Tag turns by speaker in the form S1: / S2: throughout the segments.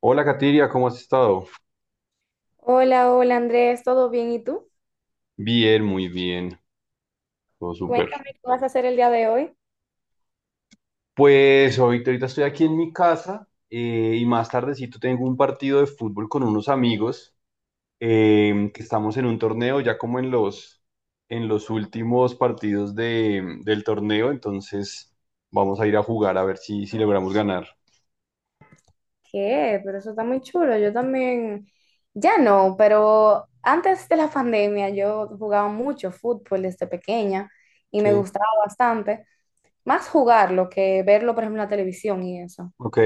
S1: Hola, Katiria, ¿cómo has estado?
S2: Hola, hola Andrés, ¿todo bien? ¿Y tú?
S1: Bien, muy bien, todo súper.
S2: Cuéntame qué vas a hacer el día de hoy.
S1: Pues ahorita estoy aquí en mi casa y más tardecito tengo un partido de fútbol con unos amigos que estamos en un torneo ya como en en los últimos partidos del torneo, entonces vamos a ir a jugar a ver si logramos ganar.
S2: ¿Qué? Pero eso está muy chulo. Yo también, ya no, pero antes de la pandemia yo jugaba mucho fútbol desde pequeña y me
S1: Sí.
S2: gustaba bastante, más jugarlo que verlo, por ejemplo, en la televisión y eso.
S1: Ok,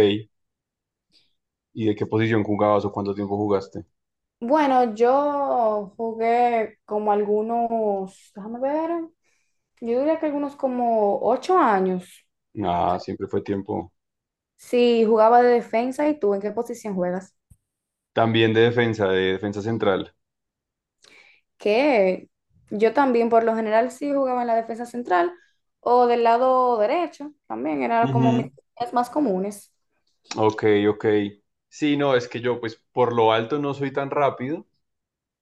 S1: ¿y de qué posición jugabas o cuánto tiempo jugaste?
S2: Bueno, yo jugué como algunos, déjame ver, yo diría que algunos como 8 años.
S1: Ah, siempre fue tiempo.
S2: Sí, jugaba de defensa. ¿Y tú en qué posición juegas?
S1: También de defensa central.
S2: Que yo también por lo general sí jugaba en la defensa central o del lado derecho, también era como mis
S1: Ujú.
S2: posiciones más comunes.
S1: Ok, ok. Sí, no, es que yo pues por lo alto no soy tan rápido.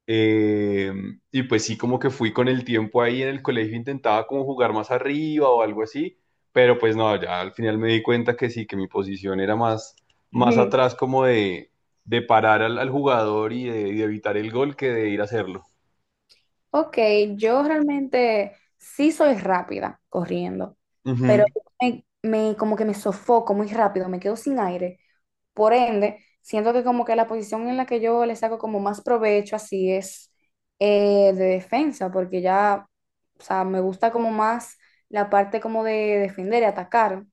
S1: eh, y pues sí, como que fui con el tiempo ahí en el colegio, intentaba como jugar más arriba o algo así, pero pues no, ya al final me di cuenta que sí, que mi posición era más
S2: Ujú.
S1: atrás como de parar al jugador y de evitar el gol que de ir a hacerlo.
S2: Ok, yo realmente sí soy rápida corriendo, pero como que me sofoco muy rápido, me quedo sin aire. Por ende, siento que como que la posición en la que yo le saco como más provecho así es de defensa, porque ya, o sea, me gusta como más la parte como de defender y atacar.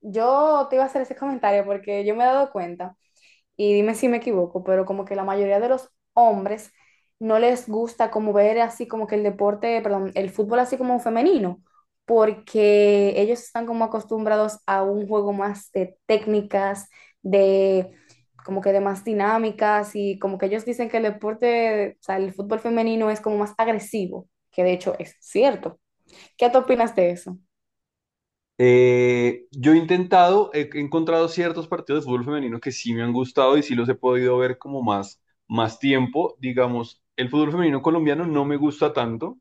S2: Yo te iba a hacer ese comentario porque yo me he dado cuenta, y dime si me equivoco, pero como que la mayoría de los hombres no les gusta como ver así como que el deporte, perdón, el fútbol así como femenino, porque ellos están como acostumbrados a un juego más de técnicas, de como que de más dinámicas y como que ellos dicen que el deporte, o sea, el fútbol femenino es como más agresivo, que de hecho es cierto. ¿Qué tú opinas de eso?
S1: Yo he intentado, he encontrado ciertos partidos de fútbol femenino que sí me han gustado y sí los he podido ver como más tiempo. Digamos, el fútbol femenino colombiano no me gusta tanto,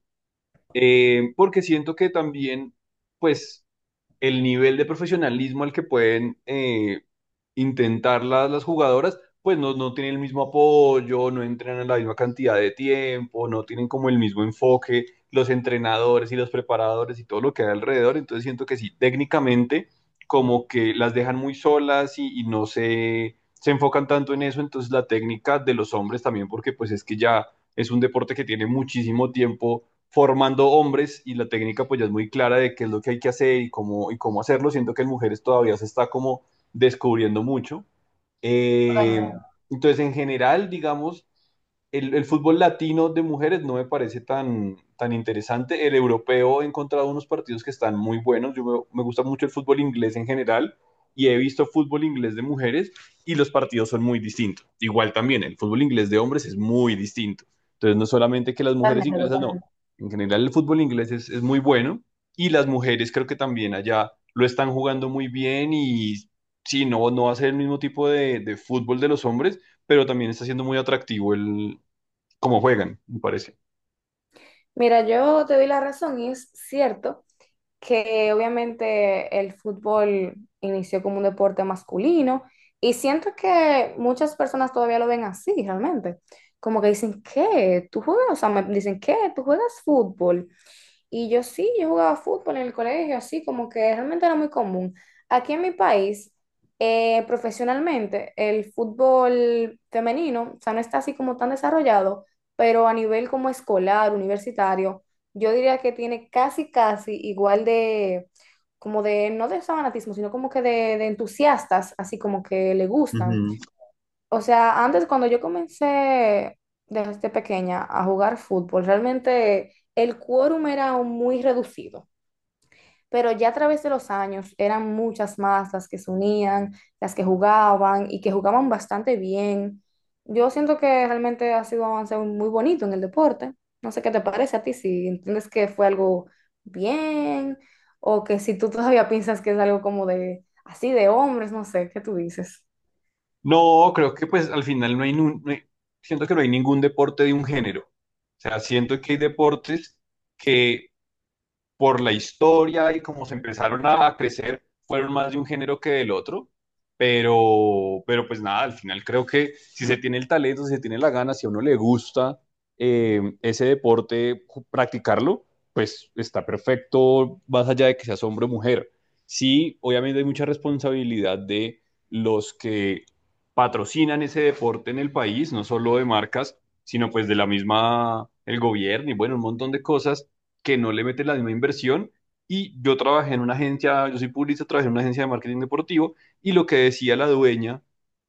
S1: porque siento que también, pues, el nivel de profesionalismo al que pueden intentar las jugadoras, pues no, no tienen el mismo apoyo, no entrenan la misma cantidad de tiempo, no tienen como el mismo enfoque, los entrenadores y los preparadores y todo lo que hay alrededor. Entonces siento que sí, técnicamente como que las dejan muy solas y no se enfocan tanto en eso. Entonces la técnica de los hombres también, porque pues es que ya es un deporte que tiene muchísimo tiempo formando hombres y la técnica pues ya es muy clara de qué es lo que hay que hacer y cómo hacerlo. Siento que en mujeres todavía se está como descubriendo mucho. Eh, entonces, en general, digamos, el fútbol latino de mujeres no me parece tan interesante. El europeo he encontrado unos partidos que están muy buenos. Yo me gusta mucho el fútbol inglés en general y he visto fútbol inglés de mujeres y los partidos son muy distintos. Igual también el fútbol inglés de hombres es muy distinto. Entonces no es solamente que las mujeres
S2: Totalmente,
S1: inglesas no,
S2: totalmente.
S1: en general el fútbol inglés es muy bueno y las mujeres creo que también allá lo están jugando muy bien y sí, no, no va a ser el mismo tipo de fútbol de los hombres, pero también está siendo muy atractivo el, como juegan, me parece.
S2: Mira, yo te doy la razón y es cierto que obviamente el fútbol inició como un deporte masculino y siento que muchas personas todavía lo ven así realmente. Como que dicen, ¿qué? ¿Tú juegas? O sea, me dicen, ¿qué? ¿Tú juegas fútbol? Y yo sí, yo jugaba fútbol en el colegio, así como que realmente era muy común. Aquí en mi país, profesionalmente, el fútbol femenino, o sea, no está así como tan desarrollado, pero a nivel como escolar, universitario, yo diría que tiene casi, casi igual de, como de, no de fanatismo, sino como que de entusiastas, así como que le gustan.
S1: Ujú.
S2: O sea, antes cuando yo comencé desde pequeña a jugar fútbol, realmente el quórum era un muy reducido, pero ya a través de los años eran muchas más las que se unían, las que jugaban y que jugaban bastante bien. Yo siento que realmente ha sido un avance muy bonito en el deporte. No sé qué te parece a ti, si entiendes que fue algo bien o que si tú todavía piensas que es algo como de así de hombres, no sé, ¿qué tú dices?
S1: No, creo que pues al final no hay, siento que no hay ningún deporte de un género. O sea, siento que hay deportes que por la historia y como se empezaron a crecer, fueron más de un género que del otro. Pero pues nada, al final creo que si se tiene el talento, si se tiene la gana, si a uno le gusta ese deporte, practicarlo, pues está perfecto, más allá de que seas hombre o mujer. Sí, obviamente hay mucha responsabilidad de los que patrocinan ese deporte en el país, no solo de marcas, sino pues de la misma, el gobierno y bueno, un montón de cosas que no le meten la misma inversión. Y yo trabajé en una agencia, yo soy publicista, trabajé en una agencia de marketing deportivo y lo que decía la dueña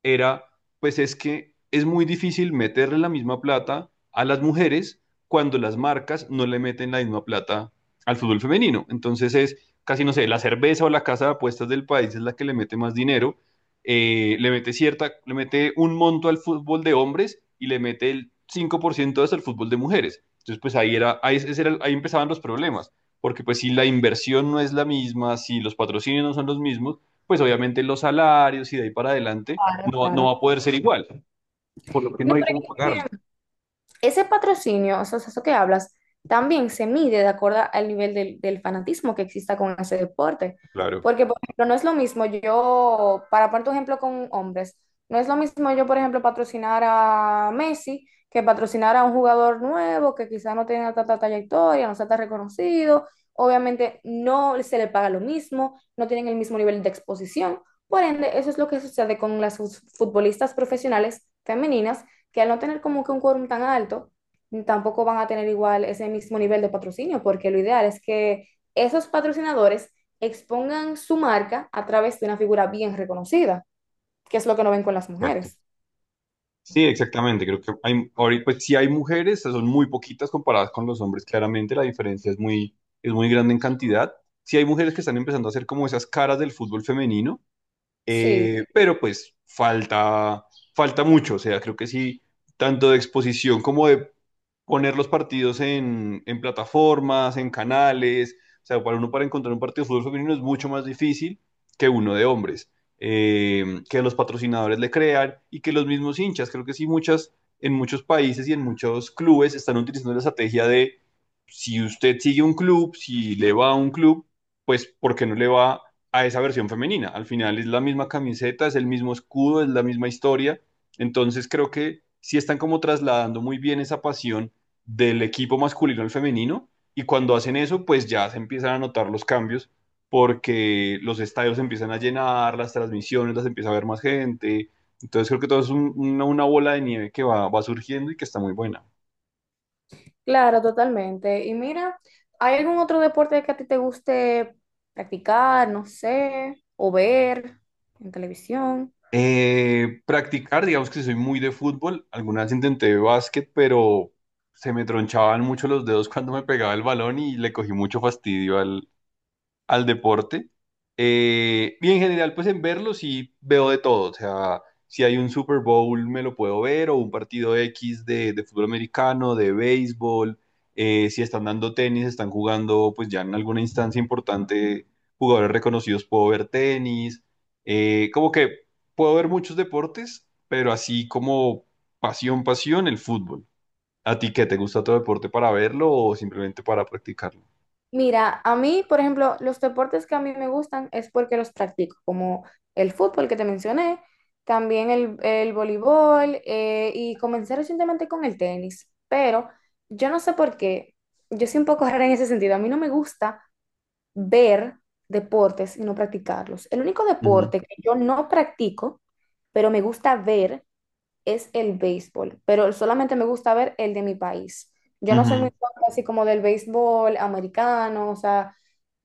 S1: era, pues es que es muy difícil meterle la misma plata a las mujeres cuando las marcas no le meten la misma plata al fútbol femenino. Entonces es casi, no sé, la cerveza o la casa de apuestas del país es la que le mete más dinero, le mete un monto al fútbol de hombres y le mete el 5% hasta el fútbol de mujeres. Entonces, pues ahí, era, ahí, ese era, ahí empezaban los problemas, porque pues si la inversión no es la misma, si los patrocinios no son los mismos, pues obviamente los salarios y de ahí para adelante
S2: Claro,
S1: no, no va
S2: claro.
S1: a poder ser igual, por lo que
S2: No,
S1: no hay cómo pagarlo.
S2: pero ese patrocinio, o sea, eso que hablas, también se mide de acuerdo al nivel del, del fanatismo que exista con ese deporte.
S1: Claro,
S2: Porque, por ejemplo, no es lo mismo yo, para poner tu ejemplo con hombres, no es lo mismo yo, por ejemplo, patrocinar a Messi que patrocinar a un jugador nuevo que quizás no tenga tanta trayectoria, no sea tan reconocido. Obviamente no se le paga lo mismo, no tienen el mismo nivel de exposición. Por ende, eso es lo que sucede con las futbolistas profesionales femeninas que al no tener como que un quórum tan alto, tampoco van a tener igual ese mismo nivel de patrocinio, porque lo ideal es que esos patrocinadores expongan su marca a través de una figura bien reconocida, que es lo que no ven con las
S1: exacto.
S2: mujeres.
S1: Sí, exactamente. Creo que hay, ahorita, pues sí hay mujeres, son muy poquitas comparadas con los hombres, claramente la diferencia es muy, grande en cantidad. Sí hay mujeres que están empezando a hacer como esas caras del fútbol femenino.
S2: Sí,
S1: Pero pues falta mucho, o sea, creo que sí, tanto de exposición como de poner los partidos en plataformas, en canales. O sea, para uno para encontrar un partido de fútbol femenino es mucho más difícil que uno de hombres. Que los patrocinadores le crean y que los mismos hinchas, creo que sí, en muchos países y en muchos clubes están utilizando la estrategia de si usted sigue un club, si le va a un club, pues ¿por qué no le va a esa versión femenina? Al final es la misma camiseta, es el mismo escudo, es la misma historia. Entonces creo que sí están como trasladando muy bien esa pasión del equipo masculino al femenino y cuando hacen eso, pues ya se empiezan a notar los cambios porque los estadios se empiezan a llenar, las transmisiones las empieza a ver más gente. Entonces creo que todo es una bola de nieve que va surgiendo y que está muy buena.
S2: claro, totalmente. Y mira, ¿hay algún otro deporte que a ti te guste practicar, no sé, o ver en televisión?
S1: Practicar, digamos que soy muy de fútbol. Alguna vez intenté básquet, pero se me tronchaban mucho los dedos cuando me pegaba el balón y le cogí mucho fastidio al deporte. Y en general, pues en verlo sí veo de todo. O sea, si hay un Super Bowl me lo puedo ver, o un partido X de fútbol americano, de béisbol. Si están dando tenis, están jugando, pues ya en alguna instancia importante, jugadores reconocidos, puedo ver tenis. Como que puedo ver muchos deportes, pero así como pasión, pasión, el fútbol. ¿A ti qué te gusta otro deporte para verlo o simplemente para practicarlo?
S2: Mira, a mí, por ejemplo, los deportes que a mí me gustan es porque los practico, como el fútbol que te mencioné, también el voleibol y comencé recientemente con el tenis, pero yo no sé por qué, yo soy un poco rara en ese sentido, a mí no me gusta ver deportes y no practicarlos. El único
S1: Ujú,
S2: deporte que yo no practico, pero me gusta ver, es el béisbol, pero solamente me gusta ver el de mi país. Yo no soy muy
S1: ujú,
S2: fan así como del béisbol americano, o sea...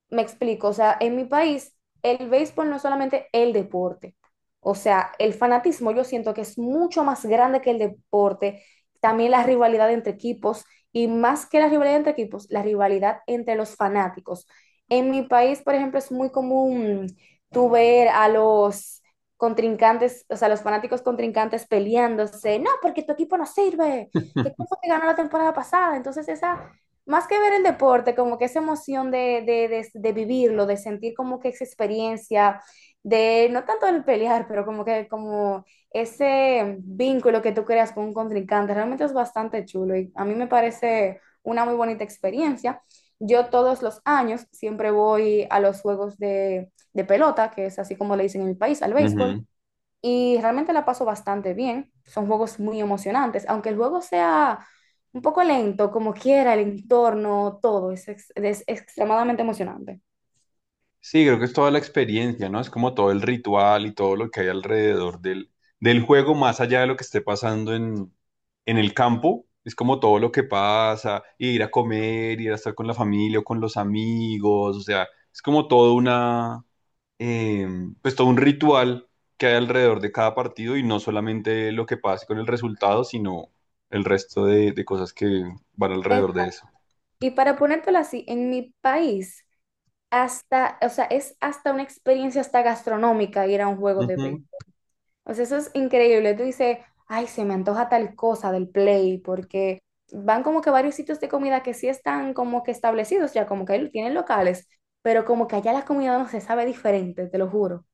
S2: Me explico, o sea, en mi país el béisbol no es solamente el deporte, o sea, el fanatismo yo siento que es mucho más grande que el deporte, también la rivalidad entre equipos y más que la rivalidad entre equipos, la rivalidad entre los fanáticos. En mi país, por ejemplo, es muy común tú ver a los contrincantes, o sea, los fanáticos contrincantes peleándose, no, porque tu equipo no sirve, que quién fue que ganó la temporada pasada, entonces esa más que ver el deporte, como que esa emoción de vivirlo, de sentir como que esa experiencia, de no tanto el pelear, pero como que como ese vínculo que tú creas con un contrincante, realmente es bastante chulo y a mí me parece una muy bonita experiencia. Yo todos los años siempre voy a los juegos de pelota, que es así como le dicen en mi país, al béisbol
S1: ujú.
S2: y realmente la paso bastante bien. Son juegos muy emocionantes, aunque el juego sea un poco lento, como quiera, el entorno, todo, es, es extremadamente emocionante.
S1: Sí, creo que es toda la experiencia, ¿no? Es como todo el ritual y todo lo que hay alrededor del juego, más allá de lo que esté pasando en, el campo. Es como todo lo que pasa, ir a comer, ir a estar con la familia o con los amigos, o sea, es como todo una, eh, pues todo un ritual que hay alrededor de cada partido y no solamente lo que pase con el resultado, sino el resto de cosas que van
S2: Eh,
S1: alrededor de eso.
S2: Y para ponértelo así, en mi país, hasta, o sea, es hasta una experiencia hasta gastronómica ir a un juego de
S1: Ujú.
S2: béisbol. O sea, eso es increíble. Tú dices, ay, se me antoja tal cosa del Play, porque van como que varios sitios de comida que sí están como que establecidos ya, como que tienen locales, pero como que allá la comida no se sabe diferente, te lo juro.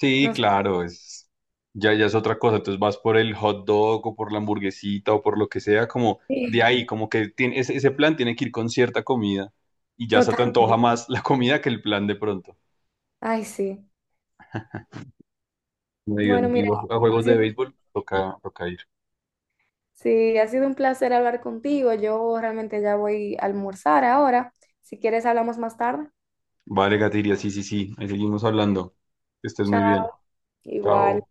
S1: Sí,
S2: No sé.
S1: claro, es ya, ya es otra cosa. Entonces vas por el hot dog o por la hamburguesita o por lo que sea, como de
S2: Sí,
S1: ahí, como que tiene, ese plan tiene que ir con cierta comida y ya se te antoja
S2: totalmente.
S1: más la comida que el plan de pronto.
S2: Ay, sí.
S1: Me
S2: Bueno,
S1: digan, he
S2: mira,
S1: ido a
S2: ha
S1: juegos de
S2: sido,
S1: béisbol, toca, toca ir.
S2: sí, ha sido un placer hablar contigo. Yo realmente ya voy a almorzar ahora. Si quieres, hablamos más tarde.
S1: Vale, Gatiria, sí, sí, sí, ahí seguimos hablando. Que estés muy
S2: Chao.
S1: bien.
S2: Igual.
S1: Chao.